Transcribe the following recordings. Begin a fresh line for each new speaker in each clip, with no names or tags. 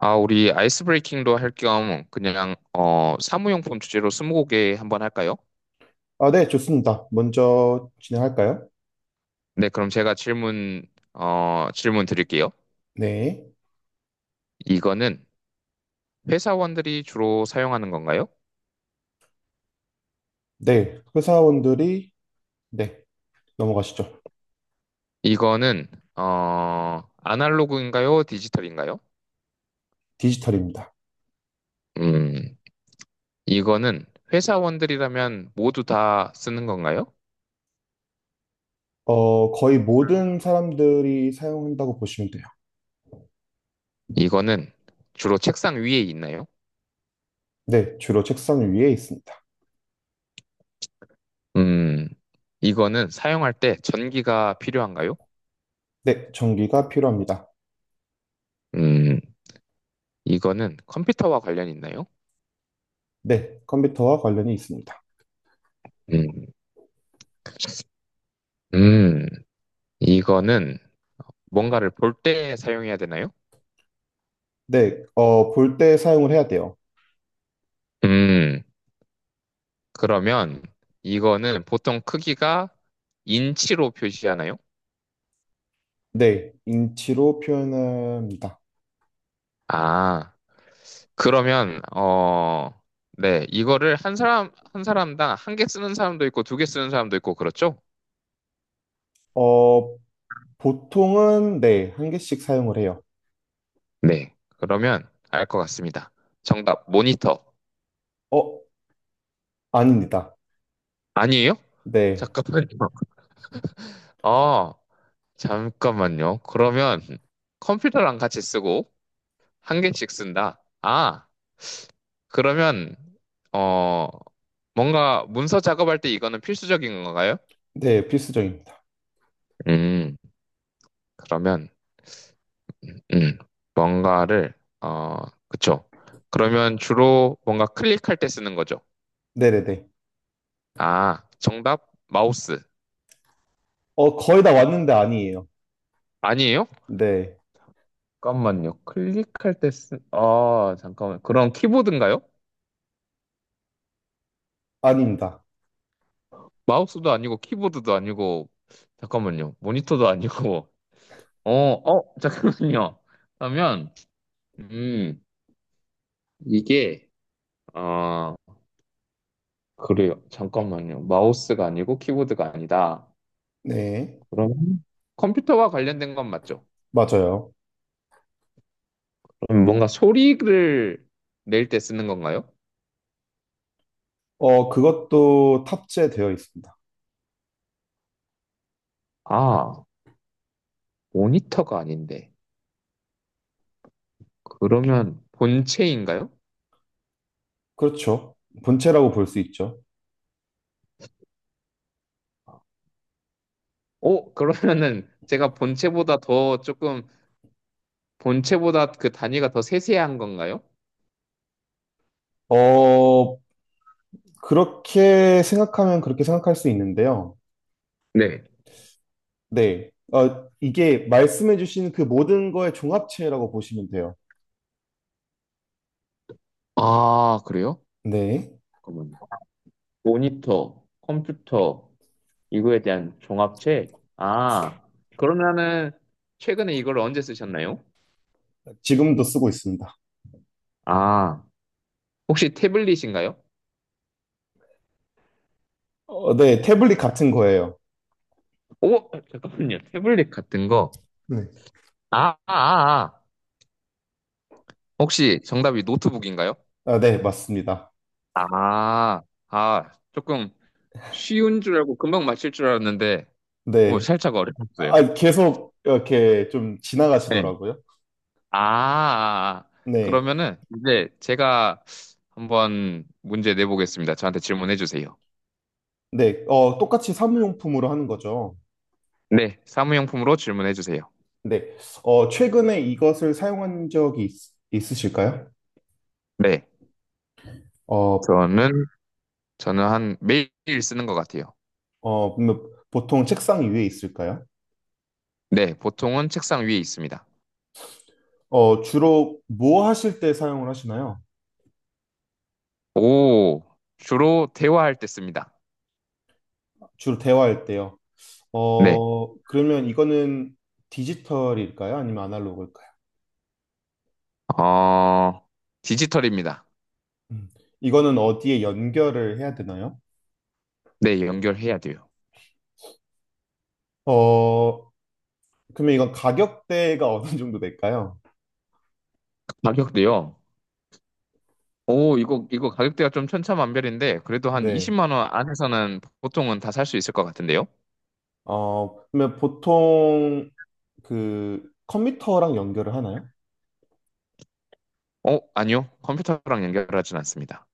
아, 우리 아이스 브레이킹도 할 겸 그냥 사무용품 주제로 스무고개 한번 할까요?
아, 네, 좋습니다. 먼저 진행할까요?
네, 그럼 제가 질문 질문 드릴게요.
네.
이거는 회사원들이 주로 사용하는 건가요?
네. 회사원들이, 네. 넘어가시죠.
이거는 아날로그인가요? 디지털인가요?
디지털입니다.
음, 이거는 회사원들이라면 모두 다 쓰는 건가요?
거의 모든 사람들이 사용한다고 보시면 돼요.
이거는 주로 책상 위에 있나요?
네. 주로 책상 위에 있습니다.
음, 이거는 사용할 때 전기가 필요한가요?
네. 전기가 필요합니다.
음. 이거는 컴퓨터와 관련이 있나요?
네. 컴퓨터와 관련이 있습니다.
음, 음, 이거는 뭔가를 볼 때 사용해야 되나요?
네. 볼 때 사용을 해야 돼요.
음, 그러면 이거는 보통 크기가 인치로 표시하나요?
네. 인치로 표현합니다.
아, 그러면, 네, 이거를 한 사람, 한 사람당 한 개 쓰는 사람도 있고 두 개 쓰는 사람도 있고 그렇죠?
어, 보통은, 네. 한 개씩 사용을 해요.
네, 그러면 알 것 같습니다. 정답, 모니터.
어, 아닙니다.
아니에요?
네,
잠깐만요. 아, 잠깐만요. 그러면 컴퓨터랑 같이 쓰고 한 개씩 쓴다. 아, 그러면 어 뭔가 문서 작업할 때 이거는 필수적인 건가요?
네, 필수적입니다.
음, 그러면 음 뭔가를 어 그쵸. 그러면 주로 뭔가 클릭할 때 쓰는 거죠.
네네네.
아, 정답 마우스.
거의 다 왔는데 아니에요.
아니에요?
네,
잠깐만요. 클릭할 때 쓰... 아, 잠깐만. 그럼 키보드인가요?
아닙니다.
마우스도 아니고 키보드도 아니고 잠깐만요. 모니터도 아니고 잠깐만요. 그러면, 음, 이게, 아, 그래요. 잠깐만요. 마우스가 아니고 키보드가 아니다.
네,
그러면 컴퓨터와 관련된 건 맞죠?
맞아요.
그럼 뭔가 소리를 낼 때 쓰는 건가요?
그것도 탑재되어 있습니다.
아, 모니터가 아닌데. 그러면 본체인가요?
그렇죠. 본체라고 볼 수 있죠.
그러면은 제가 본체보다 더 조금, 본체보다 그 단위가 더 세세한 건가요?
어, 그렇게 생각하면 그렇게 생각할 수 있는데요.
네.
네, 이게 말씀해주신 그 모든 거의 종합체라고 보시면 돼요.
아, 그래요?
네,
잠깐만요. 모니터, 컴퓨터, 이거에 대한 종합책? 아, 그러면은 최근에 이걸 언제 쓰셨나요?
지금도 쓰고 있습니다.
아, 혹시 태블릿인가요?
네, 태블릿 같은 거예요.
오, 잠깐만요. 태블릿 같은 거.
네.
아, 아, 아. 아. 혹시 정답이 노트북인가요?
아, 네, 맞습니다.
아, 아, 조금 쉬운 줄 알고 금방 맞힐 줄 알았는데, 오,
네,
살짝 어려웠어요.
아, 계속 이렇게 좀
네.
지나가시더라고요.
아, 아, 아.
네.
그러면은 이제 제가 한번 문제 내보겠습니다. 저한테 질문해 주세요.
네. 똑같이 사무용품으로 하는 거죠.
네, 사무용품으로 질문해 주세요.
네. 어, 최근에 이것을 사용한 적이 으실까요?
네.
어,
저는 저는 한 매일 쓰는 것 같아요.
보통 책상 위에 있을까요?
네, 보통은 책상 위에 있습니다.
주로 뭐 하실 때 사용을 하시나요?
오, 주로 대화할 때 씁니다.
주로 대화할 때요.
네,
어, 그러면 이거는 디지털일까요? 아니면 아날로그일까요?
어, 디지털입니다.
음, 이거는 어디에 연결을 해야 되나요?
네, 연결해야 돼요.
어, 그러면 이건 가격대가 어느 정도 될까요?
가격도요. 오, 이거 가격대가 좀 천차만별인데 그래도 한
네.
20만 원 안에서는 보통은 다 살 수 있을 것 같은데요.
그러면 보통 그 컴퓨터랑 연결을 하나요?
아니요. 컴퓨터랑 연결하진 않습니다.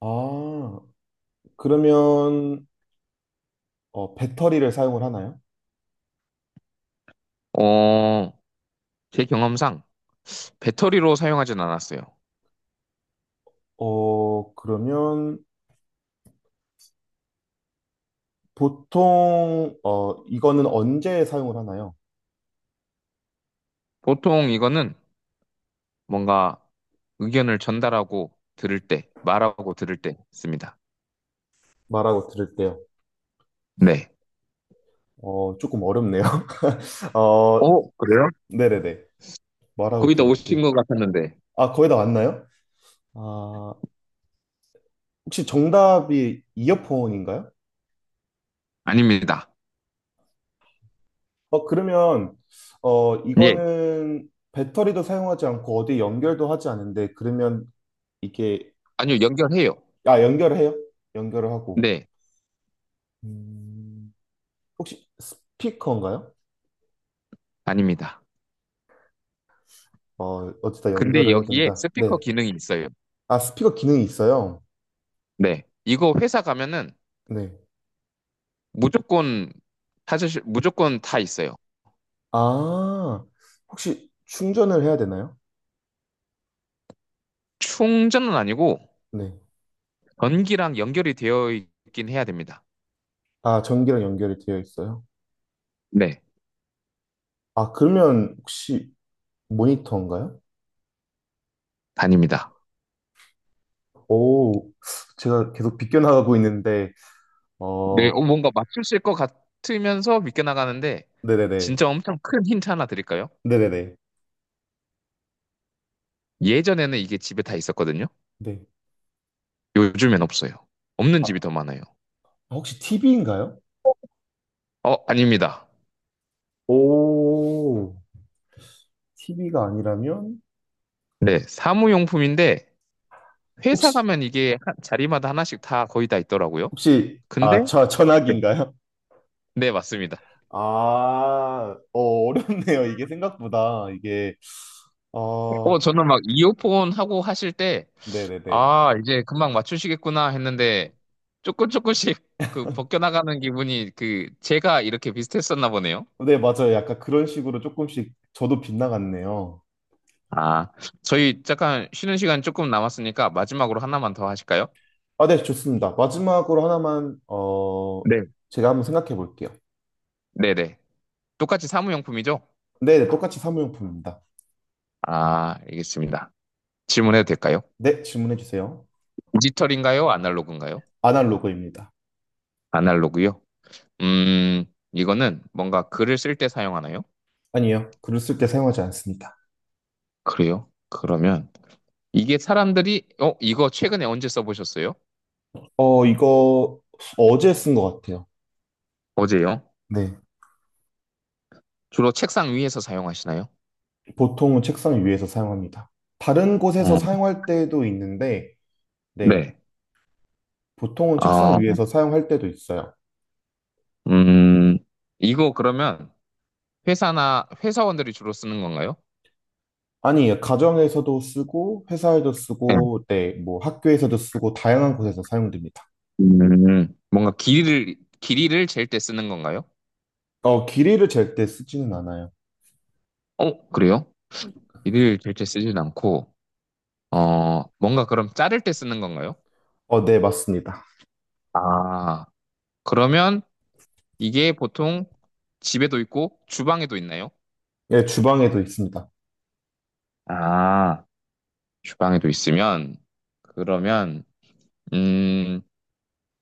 아, 그러면 배터리를 사용을 하나요?
어, 제 경험상 배터리로 사용하진 않았어요.
그러면 보통 이거는 언제 사용을 하나요?
보통 이거는 뭔가 의견을 전달하고 들을 때, 말하고 들을 때 씁니다.
말하고 들을 때요.
네.
어, 조금 어렵네요. 어,
어, 그래요?
네네네. 말하고
거의 다
들을
오신
때.
것 같았는데.
아, 거의 다 왔나요? 아, 혹시 정답이 이어폰인가요?
아닙니다.
그러면,
예.
이거는 배터리도 사용하지 않고 어디 연결도 하지 않는데, 그러면 이게,
아니요, 연결해요.
아, 연결을 해요? 연결을 하고.
네,
음, 혹시 스피커인가요?
아닙니다.
어, 어디다
근데
연결을 해야
여기에
된다.
스피커
네.
기능이 있어요.
아, 스피커 기능이 있어요?
네. 이거 회사 가면은
네.
무조건 찾으실, 무조건 다 있어요.
아, 혹시 충전을 해야 되나요?
충전은 아니고
네.
전기랑 연결이 되어 있긴 해야 됩니다.
아, 전기랑 연결이 되어 있어요.
네,
아, 그러면 혹시 모니터인가요?
다닙니다.
오, 제가 계속 비껴나가고 있는데,
네,
어,
뭔가 맞추실 것 같으면서 믿게 나가는데
네네네.
진짜 엄청 큰 힌트 하나 드릴까요?
네네네.
예전에는 이게 집에 다 있었거든요.
네.
요즘엔 없어요. 없는
아,
집이 더 많아요.
혹시 TV인가요?
아닙니다.
오, TV가 아니라면?
네, 사무용품인데 회사
혹시,
가면 이게 자리마다 하나씩 다 거의 다 있더라고요.
혹시,
근데
아, 저,
네,
전화기인가요?
네, 맞습니다.
아, 어렵네요. 이게 생각보다, 어,
어, 저는 막 이어폰 하고 하실 때
네네네.
아, 이제 금방 맞추시겠구나 했는데 조금 조금씩 그 벗겨나가는 기분이 그 제가 이렇게 비슷했었나 보네요.
네, 맞아요. 약간 그런 식으로 조금씩 저도 빗나갔네요.
아, 저희 잠깐 쉬는 시간 조금 남았으니까 마지막으로 하나만 더 하실까요?
아, 네, 좋습니다. 마지막으로 하나만, 어,
네.
제가 한번 생각해 볼게요.
네네. 똑같이 사무용품이죠?
네, 네, 똑같이 사무용품입니다.
아, 알겠습니다. 질문해도 될까요?
네, 질문해 주세요.
디지털인가요? 아날로그인가요?
아날로그입니다.
아날로그요? 음, 이거는 뭔가 글을 쓸 때 사용하나요?
아니요. 글을 쓸 때 사용하지 않습니다.
그래요? 그러면 이게 사람들이, 이거 최근에 언제 써보셨어요?
어, 이거 어제 쓴 것 같아요.
어제요?
네.
주로 책상 위에서 사용하시나요?
보통은 책상 위에서 사용합니다. 다른 곳에서
어,
사용할 때도 있는데, 네.
네.
보통은 책상
아,
위에서 사용할 때도 있어요.
음, 이거 그러면 회사나 회사원들이 주로 쓰는 건가요?
아니, 가정에서도 쓰고, 회사에도 쓰고, 네, 뭐 학교에서도 쓰고, 다양한 곳에서 사용됩니다.
뭔가 길이를, 길이를 잴 때 쓰는 건가요?
어, 길이를 잴 때 쓰지는 않아요.
어, 그래요? 길이를 잴 때 쓰진 않고, 뭔가 그럼 자를 때 쓰는 건가요?
어, 네, 맞습니다.
아, 그러면 이게 보통 집에도 있고 주방에도 있나요?
예, 주방에도 있습니다.
아, 주방에도 있으면, 그러면, 음,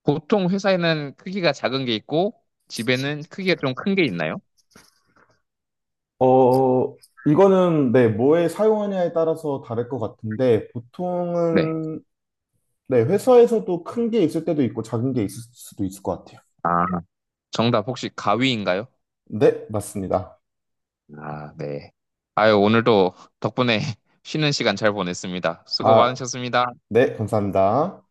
보통 회사에는 크기가 작은 게 있고, 집에는 크기가 좀 큰 게 있나요?
어, 이거는 네, 뭐에 사용하냐에 따라서 다를 것 같은데
네.
보통은 네, 회사에서도 큰 게 있을 때도 있고 작은 게 있을 수도 있을 것 같아요.
아, 정답 혹시 가위인가요?
네, 맞습니다.
아, 네. 아유, 오늘도 덕분에 쉬는 시간 잘 보냈습니다. 수고
아,
많으셨습니다.
네, 감사합니다.